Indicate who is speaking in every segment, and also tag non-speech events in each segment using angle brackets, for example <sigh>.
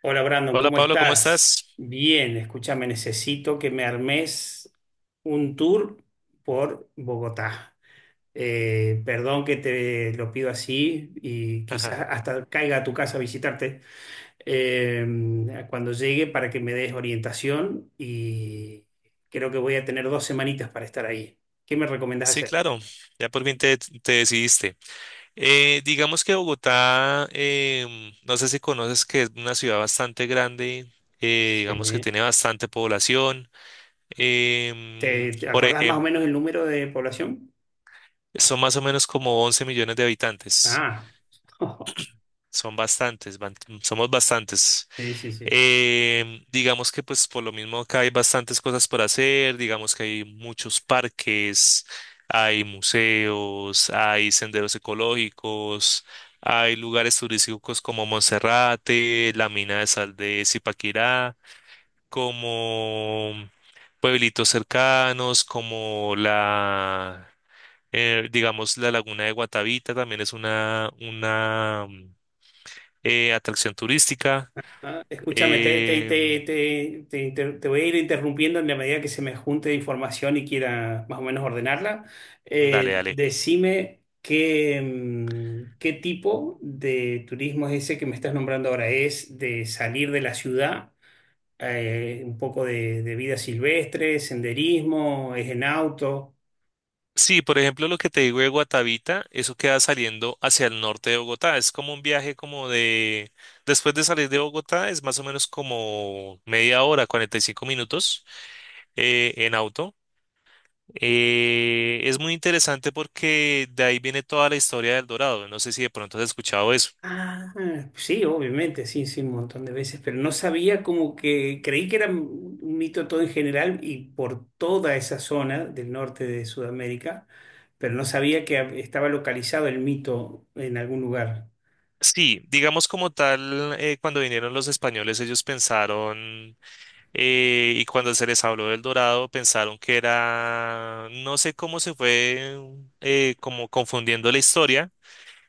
Speaker 1: Hola Brandon,
Speaker 2: Hola
Speaker 1: ¿cómo
Speaker 2: Pablo, ¿cómo
Speaker 1: estás?
Speaker 2: estás?
Speaker 1: Bien, escúchame, necesito que me armes un tour por Bogotá. Perdón que te lo pido así y quizás
Speaker 2: <laughs>
Speaker 1: hasta caiga a tu casa a visitarte cuando llegue para que me des orientación y creo que voy a tener dos semanitas para estar ahí. ¿Qué me recomendás
Speaker 2: Sí,
Speaker 1: hacer?
Speaker 2: claro, ya por fin te decidiste. Digamos que Bogotá, no sé si conoces que es una ciudad bastante grande, digamos que
Speaker 1: Sí.
Speaker 2: tiene bastante población. em,
Speaker 1: ¿Te
Speaker 2: por
Speaker 1: acordás más o
Speaker 2: ejemplo,
Speaker 1: menos el número de población?
Speaker 2: son más o menos como 11 millones de habitantes.
Speaker 1: Ah, <laughs>
Speaker 2: Son bastantes, somos bastantes.
Speaker 1: sí, sí, sí.
Speaker 2: Digamos que pues por lo mismo acá hay bastantes cosas por hacer, digamos que hay muchos parques, hay museos, hay senderos ecológicos, hay lugares turísticos como Monserrate, la mina de sal de Zipaquirá, como pueblitos cercanos, digamos, la laguna de Guatavita también es una atracción turística.
Speaker 1: Ah, escúchame,
Speaker 2: Em,
Speaker 1: te voy a ir interrumpiendo en la medida que se me junte información y quiera más o menos ordenarla.
Speaker 2: dale, dale.
Speaker 1: Decime qué, qué tipo de turismo es ese que me estás nombrando ahora. ¿Es de salir de la ciudad? Un poco de vida silvestre, senderismo, es en auto.
Speaker 2: Sí, por ejemplo, lo que te digo de Guatavita, eso queda saliendo hacia el norte de Bogotá. Es como un viaje como de. Después de salir de Bogotá es más o menos como media hora, 45 minutos en auto. Es muy interesante porque de ahí viene toda la historia del Dorado. No sé si de pronto has escuchado eso.
Speaker 1: Ah, pues sí, obviamente, sí, sí, un montón de veces, pero no sabía como que creí que era un mito todo en general y por toda esa zona del norte de Sudamérica, pero no sabía que estaba localizado el mito en algún lugar.
Speaker 2: Sí, digamos como tal, cuando vinieron los españoles, ellos pensaron, y cuando se les habló del Dorado, pensaron que era, no sé cómo se fue, como confundiendo la historia,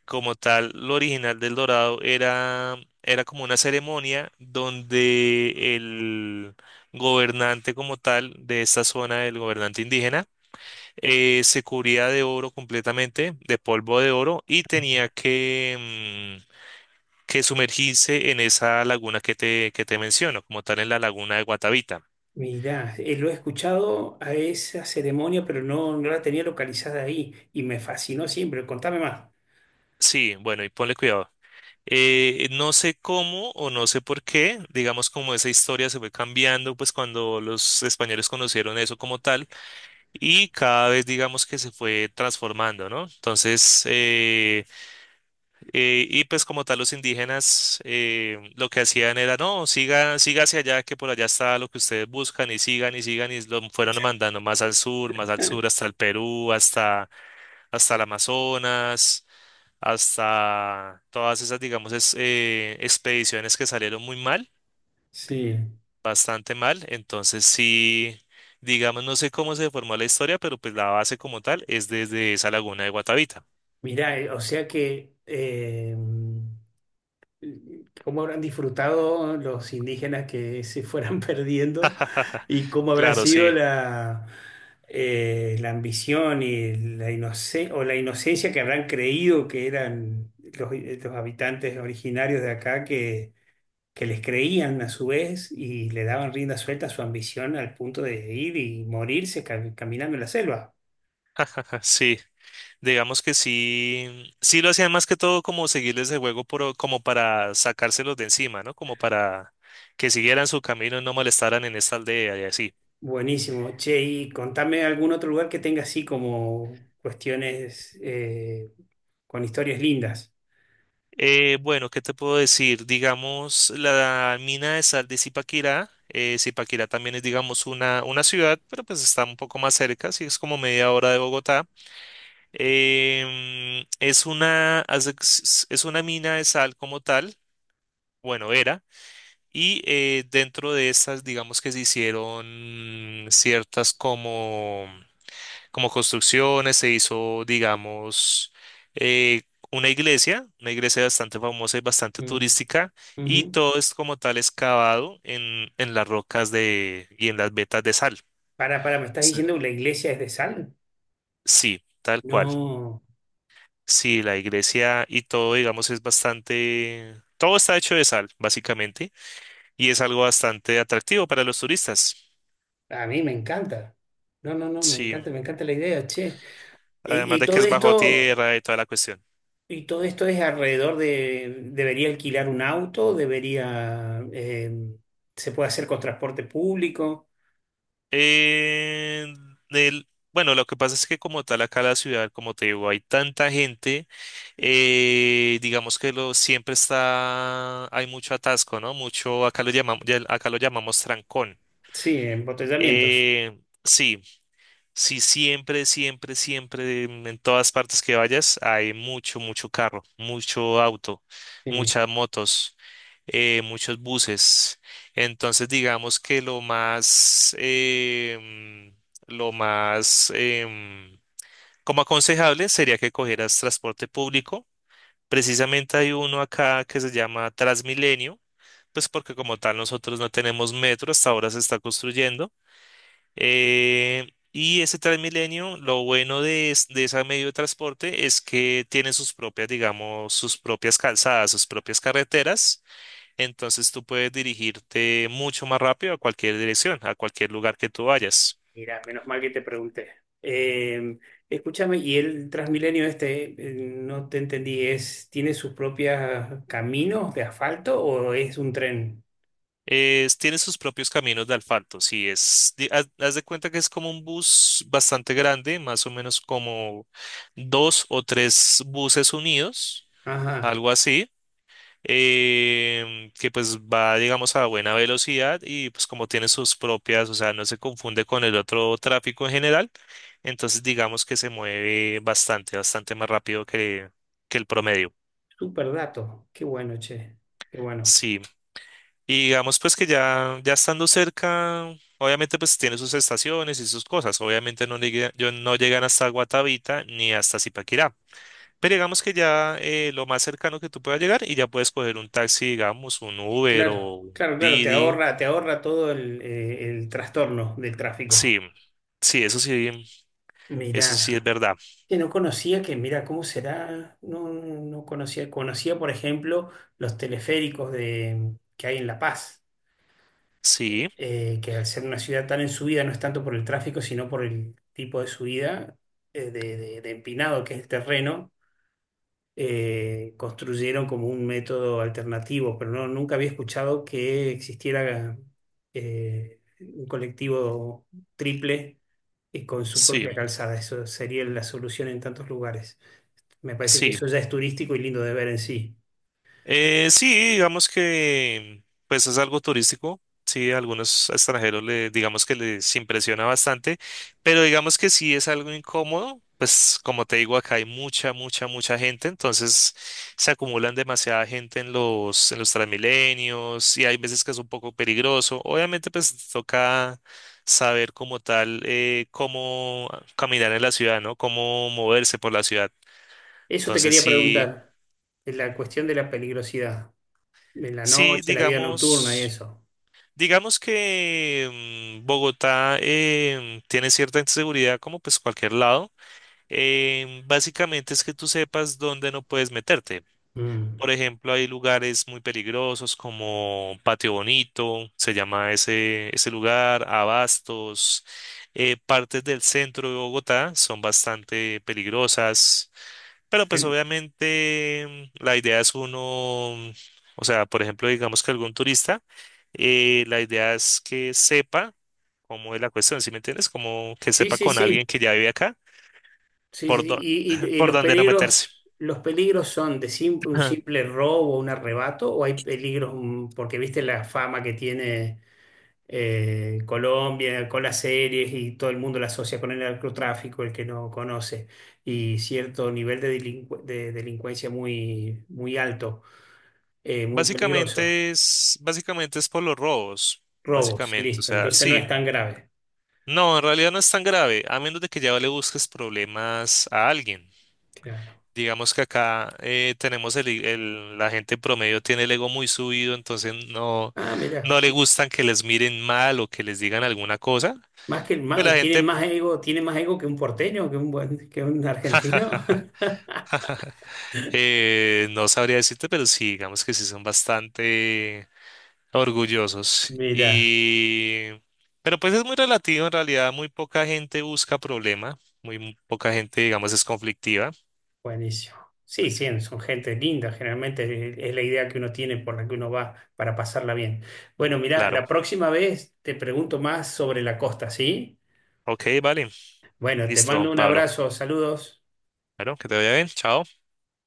Speaker 2: como tal, lo original del Dorado era como una ceremonia donde el gobernante como tal de esta zona, el gobernante indígena, se cubría de oro completamente, de polvo de oro, y tenía que sumergirse en esa laguna que te menciono, como tal en la laguna de Guatavita.
Speaker 1: Mirá, lo he escuchado a esa ceremonia, pero no, no la tenía localizada ahí y me fascinó siempre. Contame más.
Speaker 2: Sí, bueno, y ponle cuidado. No sé cómo o no sé por qué, digamos como esa historia se fue cambiando, pues cuando los españoles conocieron eso como tal y cada vez digamos que se fue transformando, ¿no? Entonces, y pues como tal los indígenas lo que hacían era: no, siga, siga hacia allá, que por allá está lo que ustedes buscan, y sigan y sigan y lo fueron mandando más al sur,
Speaker 1: <laughs>
Speaker 2: hasta el Perú, hasta el Amazonas, hasta todas esas, digamos, expediciones que salieron muy mal,
Speaker 1: Sí,
Speaker 2: bastante mal. Entonces sí, digamos, no sé cómo se formó la historia, pero pues la base como tal es desde esa laguna de Guatavita.
Speaker 1: mirá, o sea que cómo habrán disfrutado los indígenas que se fueran <laughs> perdiendo
Speaker 2: <laughs>
Speaker 1: y cómo habrá
Speaker 2: Claro,
Speaker 1: sido
Speaker 2: sí.
Speaker 1: la, la ambición y la inocencia o la inocencia que habrán creído que eran los habitantes originarios de acá que les creían a su vez y le daban rienda suelta a su ambición al punto de ir y morirse caminando en la selva.
Speaker 2: <laughs> Sí. Digamos que sí, sí lo hacían más que todo como seguirles el juego como para sacárselos de encima, ¿no? Como para que siguieran su camino y no molestaran en esta aldea y así.
Speaker 1: Buenísimo. Che, y contame algún otro lugar que tenga así como cuestiones con historias lindas.
Speaker 2: Bueno, ¿qué te puedo decir? Digamos, la mina de sal de Zipaquirá, Zipaquirá también es, digamos, una ciudad, pero pues está un poco más cerca, sí, es como media hora de Bogotá. Em, es una, haz de- es una mina de sal como tal, bueno, era. Y dentro de estas, digamos que se hicieron ciertas como construcciones, se hizo, digamos, eh, una iglesia bastante famosa y bastante
Speaker 1: Mm,
Speaker 2: turística, y
Speaker 1: ujú.
Speaker 2: todo es como tal excavado en las rocas y en las vetas de sal.
Speaker 1: Para, ¿me estás
Speaker 2: Sí.
Speaker 1: diciendo que la iglesia es de sal?
Speaker 2: Sí, tal cual.
Speaker 1: No,
Speaker 2: Sí, la iglesia y todo, digamos, es bastante, todo está hecho de sal, básicamente, y es algo bastante atractivo para los turistas.
Speaker 1: a mí me encanta. No, no, no,
Speaker 2: Sí.
Speaker 1: me encanta la idea, che. Y,
Speaker 2: Además
Speaker 1: y
Speaker 2: de que
Speaker 1: todo
Speaker 2: es bajo
Speaker 1: esto,
Speaker 2: tierra y toda la cuestión.
Speaker 1: y todo esto es alrededor de, debería alquilar un auto, debería, se puede hacer con transporte público.
Speaker 2: Eh, bueno, lo que pasa es que como tal acá la ciudad, como te digo, hay tanta gente, digamos que hay mucho atasco, ¿no? Mucho, acá lo llamamos trancón.
Speaker 1: Sí, embotellamientos.
Speaker 2: Eh, sí. Sí, siempre, siempre, siempre, en todas partes que vayas, hay mucho, mucho carro, mucho auto,
Speaker 1: Sí.
Speaker 2: muchas motos, muchos buses. Entonces, digamos que lo más, como aconsejable sería que cogieras transporte público. Precisamente hay uno acá que se llama Transmilenio, pues porque como tal nosotros no tenemos metro, hasta ahora se está construyendo. Y ese Transmilenio, lo bueno de ese medio de transporte es que tiene sus propias, digamos, sus propias calzadas, sus propias carreteras. Entonces tú puedes dirigirte mucho más rápido a cualquier dirección, a cualquier lugar que tú vayas.
Speaker 1: Mira, menos mal que te pregunté. Eh, Escúchame, y el Transmilenio este, no te entendí, es, ¿tiene sus propios caminos de asfalto o es un tren?
Speaker 2: Tiene sus propios caminos de asfalto. Sí, haz de cuenta que es como un bus bastante grande, más o menos como dos o tres buses unidos,
Speaker 1: Ajá,
Speaker 2: algo así, que pues va, digamos, a buena velocidad y pues como tiene sus propias, o sea, no se confunde con el otro tráfico en general, entonces digamos que se mueve bastante, bastante más rápido que el promedio.
Speaker 1: súper dato. Qué bueno, che. Qué bueno.
Speaker 2: Sí, y digamos pues que ya estando cerca, obviamente pues tiene sus estaciones y sus cosas, obviamente no, no llegan hasta Guatavita ni hasta Zipaquirá. Pero digamos que ya lo más cercano que tú puedas llegar y ya puedes coger un taxi, digamos, un Uber o
Speaker 1: Claro,
Speaker 2: un
Speaker 1: claro, claro,
Speaker 2: Didi.
Speaker 1: te ahorra todo el trastorno del tráfico.
Speaker 2: Sí, sí, eso sí, eso sí es
Speaker 1: Mirá,
Speaker 2: verdad.
Speaker 1: que no conocía que, mira, ¿cómo será? No, no conocía, conocía, por ejemplo, los teleféricos de, que hay en La Paz
Speaker 2: Sí,
Speaker 1: que al ser una ciudad tan en subida no es tanto por el tráfico, sino por el tipo de subida de, de empinado que es el terreno, construyeron como un método alternativo, pero no, nunca había escuchado que existiera un colectivo triple y con su
Speaker 2: sí,
Speaker 1: propia calzada. Eso sería la solución en tantos lugares. Me parece que
Speaker 2: sí.
Speaker 1: eso ya es turístico y lindo de ver en sí.
Speaker 2: Sí, digamos que pues es algo turístico. Sí, a algunos extranjeros le, digamos que les impresiona bastante, pero digamos que sí es algo incómodo. Pues como te digo, acá hay mucha, mucha, mucha gente, entonces se acumulan demasiada gente en los Transmilenios y hay veces que es un poco peligroso. Obviamente pues toca saber como tal, cómo caminar en la ciudad, ¿no? Cómo moverse por la ciudad.
Speaker 1: Eso te
Speaker 2: Entonces
Speaker 1: quería
Speaker 2: sí,
Speaker 1: preguntar, la cuestión de la peligrosidad, de la
Speaker 2: sí,
Speaker 1: noche, la vida nocturna y
Speaker 2: digamos.
Speaker 1: eso.
Speaker 2: Digamos que Bogotá tiene cierta inseguridad, como pues cualquier lado. Básicamente es que tú sepas dónde no puedes meterte.
Speaker 1: Mm.
Speaker 2: Por ejemplo, hay lugares muy peligrosos como Patio Bonito, se llama ese lugar, Abastos. Partes del centro de Bogotá son bastante peligrosas, pero pues
Speaker 1: En-
Speaker 2: obviamente la idea es uno, o sea, por ejemplo, digamos que algún turista, la idea es que sepa cómo es la cuestión, ¿sí me entiendes? Como que
Speaker 1: sí,
Speaker 2: sepa
Speaker 1: sí,
Speaker 2: con alguien
Speaker 1: sí,
Speaker 2: que ya vive acá,
Speaker 1: sí, sí,
Speaker 2: por,
Speaker 1: sí.
Speaker 2: dó-
Speaker 1: Y,
Speaker 2: <laughs>
Speaker 1: y
Speaker 2: por dónde no meterse.
Speaker 1: los peligros son de un
Speaker 2: <laughs>
Speaker 1: simple robo, un arrebato, o hay peligros, mm, porque viste la fama que tiene Colombia con las series y todo el mundo la asocia con el narcotráfico, el que no conoce, y cierto nivel de, de delincuencia muy, muy alto, muy peligroso.
Speaker 2: Básicamente es por los robos,
Speaker 1: Robos,
Speaker 2: básicamente, o
Speaker 1: listo.
Speaker 2: sea,
Speaker 1: Entonces no es
Speaker 2: sí.
Speaker 1: tan grave.
Speaker 2: No, en realidad no es tan grave, a menos de que ya le busques problemas a alguien.
Speaker 1: Claro.
Speaker 2: Digamos que acá tenemos la gente promedio tiene el ego muy subido, entonces no,
Speaker 1: Ah, mira.
Speaker 2: no le gustan que les miren mal o que les digan alguna cosa.
Speaker 1: Más que,
Speaker 2: Pues la
Speaker 1: tienen
Speaker 2: gente
Speaker 1: más ego, tiene más ego que un porteño, que un buen, que un argentino.
Speaker 2: <laughs>
Speaker 1: <laughs>
Speaker 2: no sabría decirte, pero sí, digamos que sí son bastante, orgullosos.
Speaker 1: Mira,
Speaker 2: Y... Pero pues es muy relativo, en realidad muy poca gente busca problema, muy poca gente, digamos, es conflictiva,
Speaker 1: buenísimo. Sí, sí, son gente linda, generalmente es la idea que uno tiene por la que uno va para pasarla bien. Bueno, mira,
Speaker 2: claro.
Speaker 1: la próxima vez te pregunto más sobre la costa, ¿sí?
Speaker 2: Ok, vale,
Speaker 1: Bueno, te
Speaker 2: listo,
Speaker 1: mando un
Speaker 2: Pablo.
Speaker 1: abrazo, saludos.
Speaker 2: Bueno, que te vaya bien, chao.